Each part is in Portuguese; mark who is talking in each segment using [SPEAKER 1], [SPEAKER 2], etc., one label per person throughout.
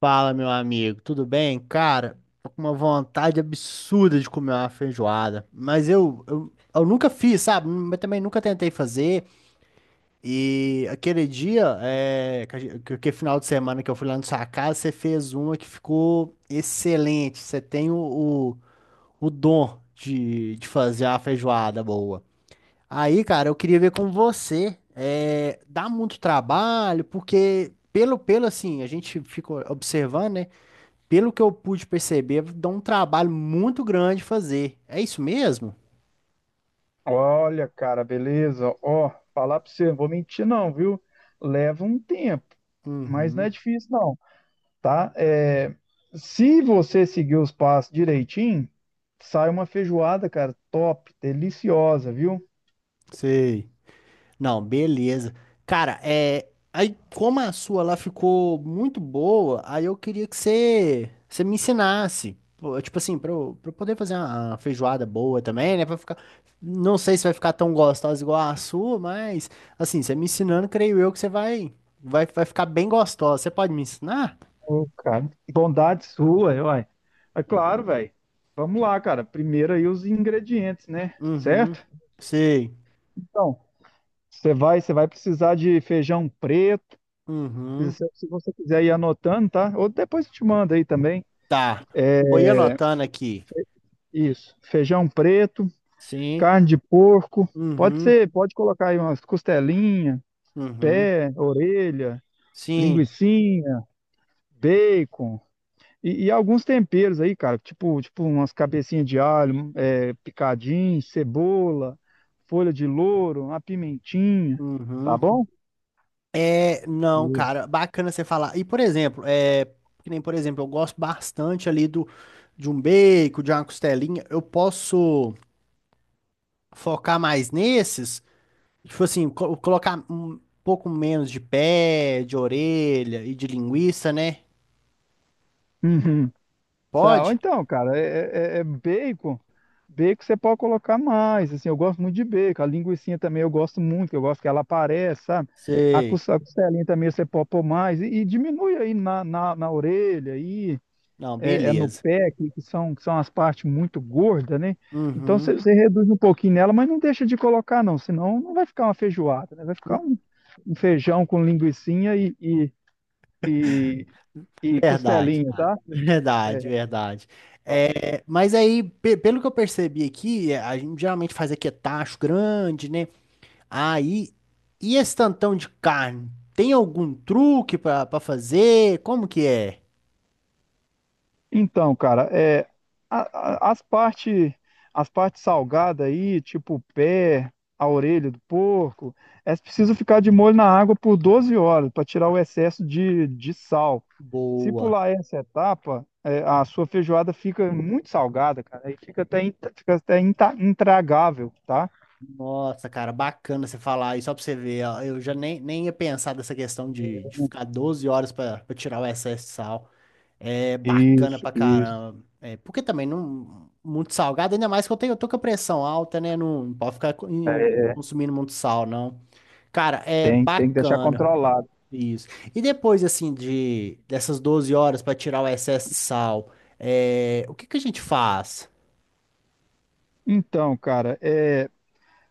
[SPEAKER 1] Fala, meu amigo, tudo bem? Cara, tô com uma vontade absurda de comer uma feijoada, mas eu nunca fiz, sabe? Mas também nunca tentei fazer. E aquele dia, que final de semana que eu fui lá na sua casa, você fez uma que ficou excelente. Você tem o, o dom de fazer uma feijoada boa. Aí, cara, eu queria ver com você. É, dá muito trabalho, porque pelo assim, a gente fica observando, né? Pelo que eu pude perceber, dá um trabalho muito grande fazer. É isso mesmo?
[SPEAKER 2] Olha, cara, beleza? Ó, falar pra você, não vou mentir não, viu? Leva um tempo, mas não
[SPEAKER 1] Uhum,
[SPEAKER 2] é difícil não, tá? É, se você seguir os passos direitinho, sai uma feijoada, cara, top, deliciosa, viu?
[SPEAKER 1] sei. Não, beleza. Cara, é. Aí, como a sua lá ficou muito boa, aí eu queria que você me ensinasse. Pô, tipo assim, pra eu poder fazer uma feijoada boa também, né? Pra ficar. Não sei se vai ficar tão gostosa igual a sua, mas, assim, você me ensinando, creio eu que você vai ficar bem gostosa. Você pode me ensinar?
[SPEAKER 2] Ô, cara, bondade sua, uai. É claro, velho. Vamos lá, cara. Primeiro aí os ingredientes, né?
[SPEAKER 1] Uhum,
[SPEAKER 2] Certo?
[SPEAKER 1] sei.
[SPEAKER 2] Então, você vai precisar de feijão preto, se
[SPEAKER 1] Uhum.
[SPEAKER 2] se você quiser ir anotando, tá? Ou depois eu te mando aí também.
[SPEAKER 1] Tá. Vou ir anotando aqui.
[SPEAKER 2] Isso. Feijão preto,
[SPEAKER 1] Sim.
[SPEAKER 2] carne de porco. Pode
[SPEAKER 1] Uhum.
[SPEAKER 2] ser, pode colocar aí umas costelinhas,
[SPEAKER 1] Uhum.
[SPEAKER 2] pé, orelha,
[SPEAKER 1] Sim.
[SPEAKER 2] linguicinha, bacon. E alguns temperos aí, cara, tipo umas cabecinhas de alho, é, picadinho, cebola, folha de louro, uma pimentinha, tá
[SPEAKER 1] Uhum.
[SPEAKER 2] bom?
[SPEAKER 1] É, não, cara, bacana você falar. E, por exemplo, é, que nem, por exemplo, eu gosto bastante ali de um bacon, de uma costelinha. Eu posso focar mais nesses, tipo assim, colocar um pouco menos de pé, de orelha e de linguiça, né?
[SPEAKER 2] Uhum. Tá, ou
[SPEAKER 1] Pode?
[SPEAKER 2] então, cara, é bacon. Bacon você pode colocar mais, assim, eu gosto muito de bacon. A linguiça também eu gosto muito, que eu gosto que ela apareça, sabe? A
[SPEAKER 1] Sei.
[SPEAKER 2] cos- a costelinha também você pode pôr mais. E diminui aí na orelha, aí,
[SPEAKER 1] Não,
[SPEAKER 2] é no
[SPEAKER 1] beleza.
[SPEAKER 2] pé, que são as partes muito gordas, né? Então você,
[SPEAKER 1] Uhum.
[SPEAKER 2] você reduz um pouquinho nela, mas não deixa de colocar, não, senão não vai ficar uma feijoada, né? Vai ficar um, um feijão com linguiçinha e, e
[SPEAKER 1] Verdade,
[SPEAKER 2] costelinha,
[SPEAKER 1] cara.
[SPEAKER 2] tá? É.
[SPEAKER 1] Verdade, verdade. É, mas aí, pelo que eu percebi aqui, é, a gente geralmente faz aqui é tacho grande, né? Aí, e esse tantão de carne? Tem algum truque pra fazer? Como que é?
[SPEAKER 2] Então, cara, é, a- a- as partes as partes salgadas aí, tipo o pé, a orelha do porco, é preciso ficar de molho na água por 12 horas para tirar o excesso de sal. Se
[SPEAKER 1] Boa.
[SPEAKER 2] pular essa etapa, é, a sua feijoada fica muito salgada, cara, e fica até, intragável, tá?
[SPEAKER 1] Nossa, cara, bacana você falar aí, só pra você ver. Ó, eu já nem ia pensar dessa questão de ficar 12 horas pra tirar o excesso de sal. É bacana
[SPEAKER 2] Isso,
[SPEAKER 1] pra
[SPEAKER 2] isso.
[SPEAKER 1] caramba. É, porque também não muito salgado, ainda mais que eu tenho, eu tô com a pressão alta, né? Não, não pode ficar consumindo muito sal, não. Cara, é
[SPEAKER 2] Tem, tem que deixar
[SPEAKER 1] bacana
[SPEAKER 2] controlado.
[SPEAKER 1] isso. E depois assim de dessas 12 horas pra tirar o excesso de sal, é, o que que a gente faz?
[SPEAKER 2] Então, cara, é.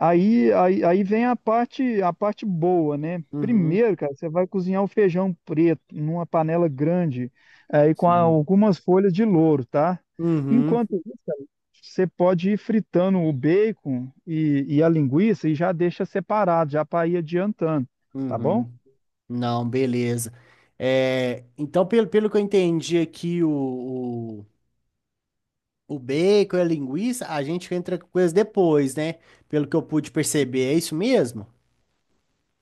[SPEAKER 2] Aí vem a parte boa, né?
[SPEAKER 1] Uhum,
[SPEAKER 2] Primeiro, cara, você vai cozinhar o feijão preto numa panela grande, aí com
[SPEAKER 1] sim.
[SPEAKER 2] algumas folhas de louro, tá?
[SPEAKER 1] Uhum,
[SPEAKER 2] Enquanto isso, cara, você pode ir fritando o bacon e a linguiça e já deixa separado, já para ir adiantando, tá bom?
[SPEAKER 1] uhum. Não, beleza. É, então, pelo que eu entendi aqui, o bacon e a linguiça, a gente entra com coisas depois, né? Pelo que eu pude perceber, é isso mesmo?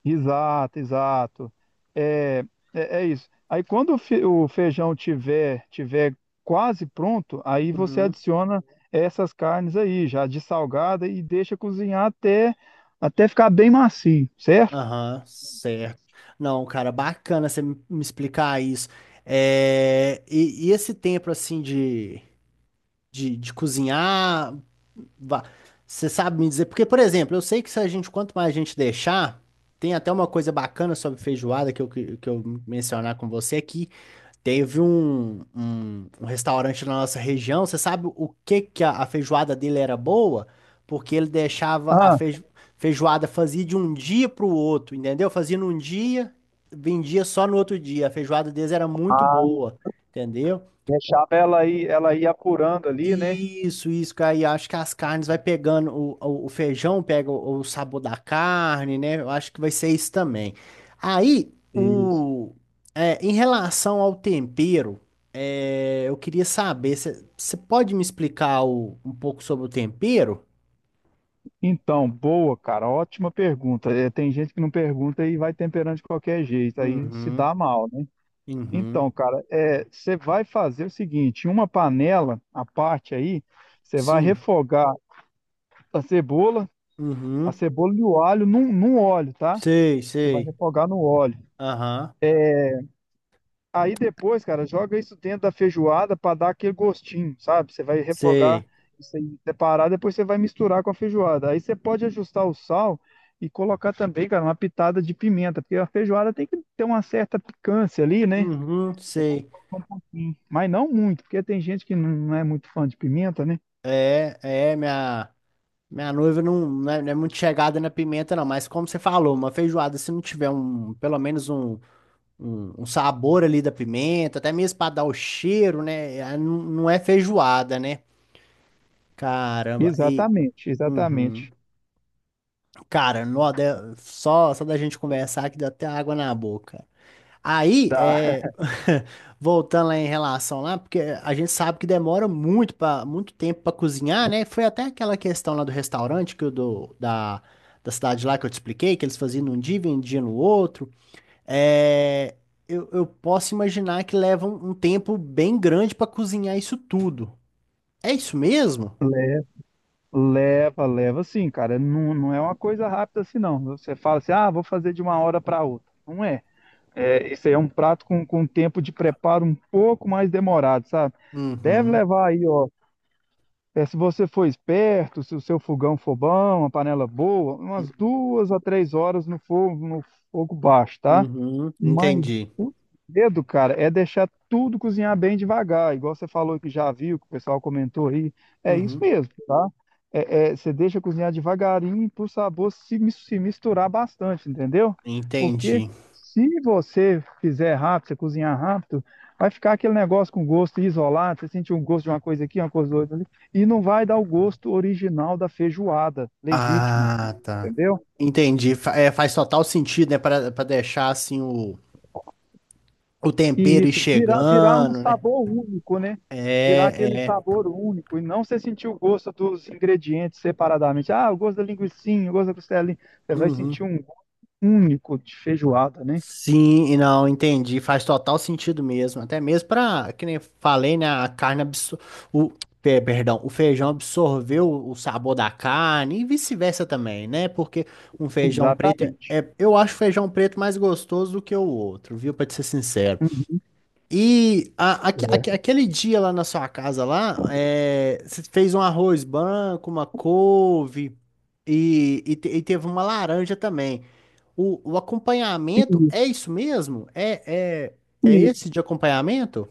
[SPEAKER 2] Exato, exato. É, é isso. Aí quando o feijão tiver quase pronto, aí você
[SPEAKER 1] Uhum.
[SPEAKER 2] adiciona essas carnes aí, já de salgada e deixa cozinhar até ficar bem macio, certo?
[SPEAKER 1] Aham, certo. Não, cara, bacana você me explicar isso. E esse tempo, assim, de cozinhar, va- você sabe me dizer? Porque, por exemplo, eu sei que se a gente, quanto mais a gente deixar, tem até uma coisa bacana sobre feijoada que que eu mencionar com você aqui, teve um restaurante na nossa região. Você sabe o que que a feijoada dele era boa? Porque ele deixava a
[SPEAKER 2] Ah,
[SPEAKER 1] feijoada, fazia de um dia para o outro, entendeu? Fazia num dia, vendia só no outro dia. A feijoada deles era muito
[SPEAKER 2] ah,
[SPEAKER 1] boa, entendeu?
[SPEAKER 2] deixava ela aí, ela ir apurando ali, né?
[SPEAKER 1] Isso, cara. E acho que as carnes vai pegando, o feijão pega o sabor da carne, né? Eu acho que vai ser isso também. Aí,
[SPEAKER 2] Isso.
[SPEAKER 1] o, é, em relação ao tempero, é, eu queria saber, você pode me explicar um pouco sobre o tempero?
[SPEAKER 2] Então, boa, cara, ótima pergunta. É, tem gente que não pergunta e vai temperando de qualquer jeito, aí se
[SPEAKER 1] Uhum,
[SPEAKER 2] dá mal, né? Então,
[SPEAKER 1] uhum,
[SPEAKER 2] cara, é, você vai fazer o seguinte, em uma panela à parte aí, você vai
[SPEAKER 1] sim,
[SPEAKER 2] refogar a cebola, a
[SPEAKER 1] uhum,
[SPEAKER 2] cebola e o alho num óleo, tá?
[SPEAKER 1] sei,
[SPEAKER 2] Você vai
[SPEAKER 1] sei,
[SPEAKER 2] refogar no óleo.
[SPEAKER 1] aham,
[SPEAKER 2] Aí depois, cara, joga isso dentro da feijoada para dar aquele gostinho, sabe? Você vai refogar
[SPEAKER 1] sei,
[SPEAKER 2] isso aí separado, depois você vai misturar com a feijoada. Aí você pode ajustar o sal e colocar também, cara, uma pitada de pimenta, porque a feijoada tem que ter uma certa picância ali, né?
[SPEAKER 1] uhum,
[SPEAKER 2] É bom
[SPEAKER 1] sei.
[SPEAKER 2] colocar um pouquinho, mas não muito, porque tem gente que não é muito fã de pimenta, né?
[SPEAKER 1] É, é, minha. Minha noiva não, não é muito chegada na pimenta, não, mas como você falou, uma feijoada, se não tiver um, pelo menos um sabor ali da pimenta, até mesmo para dar o cheiro, né? Ah, não, não é feijoada, né? Caramba, e.
[SPEAKER 2] Exatamente,
[SPEAKER 1] Uhum.
[SPEAKER 2] exatamente.
[SPEAKER 1] Cara, nó, só, só da gente conversar que deu até água na boca. Aí,
[SPEAKER 2] Tá.
[SPEAKER 1] é, voltando lá em relação lá, porque a gente sabe que demora muito para muito tempo para cozinhar, né? Foi até aquela questão lá do restaurante que da cidade lá que eu te expliquei, que eles faziam num dia e vendiam no outro. É, eu posso imaginar que leva um tempo bem grande para cozinhar isso tudo. É isso mesmo?
[SPEAKER 2] Leva, leva sim, cara. Não, não é uma coisa rápida assim, não. Você fala assim, ah, vou fazer de uma hora para outra. Não é. É, isso aí é um prato com tempo de preparo um pouco mais demorado, sabe? Deve
[SPEAKER 1] Uhum,
[SPEAKER 2] levar aí, ó. É, se você for esperto, se o seu fogão for bom, uma panela boa, umas 2 a 3 horas no fogo, no fogo baixo, tá?
[SPEAKER 1] uhum,
[SPEAKER 2] Mas
[SPEAKER 1] entendi.
[SPEAKER 2] o segredo, cara, é deixar tudo cozinhar bem devagar. Igual você falou que já viu, que o pessoal comentou aí. É isso
[SPEAKER 1] Uhum,
[SPEAKER 2] mesmo, tá? É, é, você deixa cozinhar devagarinho para o sabor se misturar bastante, entendeu? Porque
[SPEAKER 1] entendi.
[SPEAKER 2] se você fizer rápido, você cozinhar rápido, vai ficar aquele negócio com gosto isolado. Você sente um gosto de uma coisa aqui, uma coisa outra ali, e não vai dar o gosto original da feijoada legítima,
[SPEAKER 1] Ah, tá.
[SPEAKER 2] entendeu?
[SPEAKER 1] Entendi. Faz total sentido, né? Pra deixar assim o
[SPEAKER 2] E
[SPEAKER 1] tempero ir
[SPEAKER 2] isso, virar um
[SPEAKER 1] chegando, né?
[SPEAKER 2] sabor único, né? Virar aquele
[SPEAKER 1] É, é.
[SPEAKER 2] sabor único e não você sentir o gosto dos ingredientes separadamente. Ah, o gosto da linguicinha, o gosto da costelinha. Você vai
[SPEAKER 1] Uhum.
[SPEAKER 2] sentir um gosto único de feijoada, né?
[SPEAKER 1] Sim, e não, entendi. Faz total sentido mesmo. Até mesmo pra, que nem eu falei, né? A carne absor... o, perdão, o feijão absorveu o sabor da carne e vice-versa também, né? Porque um feijão preto
[SPEAKER 2] Exatamente.
[SPEAKER 1] é, eu acho o feijão preto mais gostoso do que o outro, viu? Pra te ser sincero.
[SPEAKER 2] Uhum.
[SPEAKER 1] E
[SPEAKER 2] É.
[SPEAKER 1] aquele dia lá na sua casa lá, é, você fez um arroz branco, uma couve e, e teve uma laranja também. O acompanhamento
[SPEAKER 2] Isso,
[SPEAKER 1] é isso mesmo? É, é, é
[SPEAKER 2] e-
[SPEAKER 1] esse de acompanhamento?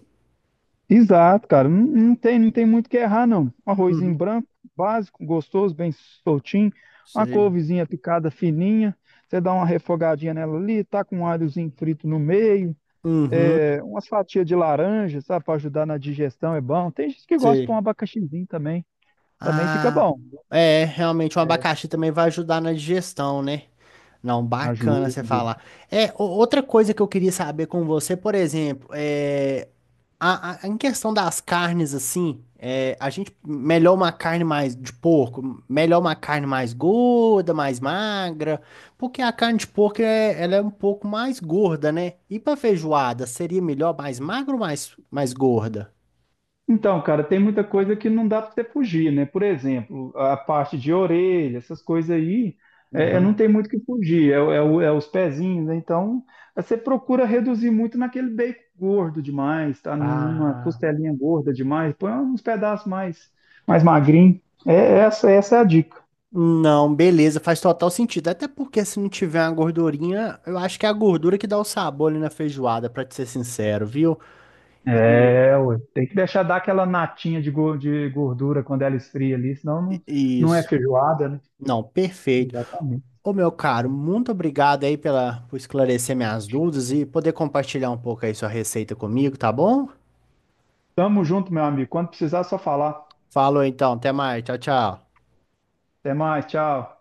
[SPEAKER 2] Exato, cara. Não, não tem muito o que errar, não. Um arrozinho
[SPEAKER 1] Uhum,
[SPEAKER 2] branco, básico, gostoso, bem soltinho. Uma
[SPEAKER 1] sei.
[SPEAKER 2] couvezinha picada fininha. Você dá uma refogadinha nela ali, tá com um alhozinho frito no meio
[SPEAKER 1] Uhum,
[SPEAKER 2] é, umas fatias de laranja, sabe, para ajudar na digestão é bom. Tem gente que gosta de pôr um
[SPEAKER 1] sei.
[SPEAKER 2] abacaxizinho também, também fica
[SPEAKER 1] Ah,
[SPEAKER 2] bom.
[SPEAKER 1] é, realmente o abacaxi também vai ajudar na digestão, né? Não, bacana
[SPEAKER 2] Ajuda.
[SPEAKER 1] você falar. É, outra coisa que eu queria saber com você, por exemplo, é, em questão das carnes, assim, é, a gente melhor uma carne mais de porco, melhor uma carne mais gorda, mais magra, porque a carne de porco é, ela é um pouco mais gorda, né? E pra feijoada, seria melhor mais magra ou mais gorda?
[SPEAKER 2] Então, cara, tem muita coisa que não dá para você fugir, né? Por exemplo, a parte de orelha, essas coisas aí, é, não
[SPEAKER 1] Uhum.
[SPEAKER 2] tem muito o que fugir, é, é os pezinhos, né? Então, você procura reduzir muito naquele bacon gordo demais, tá? Numa
[SPEAKER 1] Ah.
[SPEAKER 2] costelinha gorda demais, põe uns pedaços mais, mais magrinho. É, essa é a dica.
[SPEAKER 1] Não, beleza, faz total sentido. Até porque se não tiver uma gordurinha, eu acho que é a gordura que dá o sabor ali na feijoada, pra te ser sincero, viu? E,
[SPEAKER 2] É, ué, tem que deixar dar aquela natinha de gordura quando ela esfria ali, senão
[SPEAKER 1] e-
[SPEAKER 2] não, não é
[SPEAKER 1] isso.
[SPEAKER 2] feijoada, né?
[SPEAKER 1] Não, perfeito.
[SPEAKER 2] Exatamente.
[SPEAKER 1] Ô, meu caro, muito obrigado aí pela, por esclarecer minhas dúvidas e poder compartilhar um pouco aí sua receita comigo, tá bom?
[SPEAKER 2] Tamo junto, meu amigo. Quando precisar, é só falar.
[SPEAKER 1] Falou então, até mais. Tchau, tchau.
[SPEAKER 2] Até mais, tchau.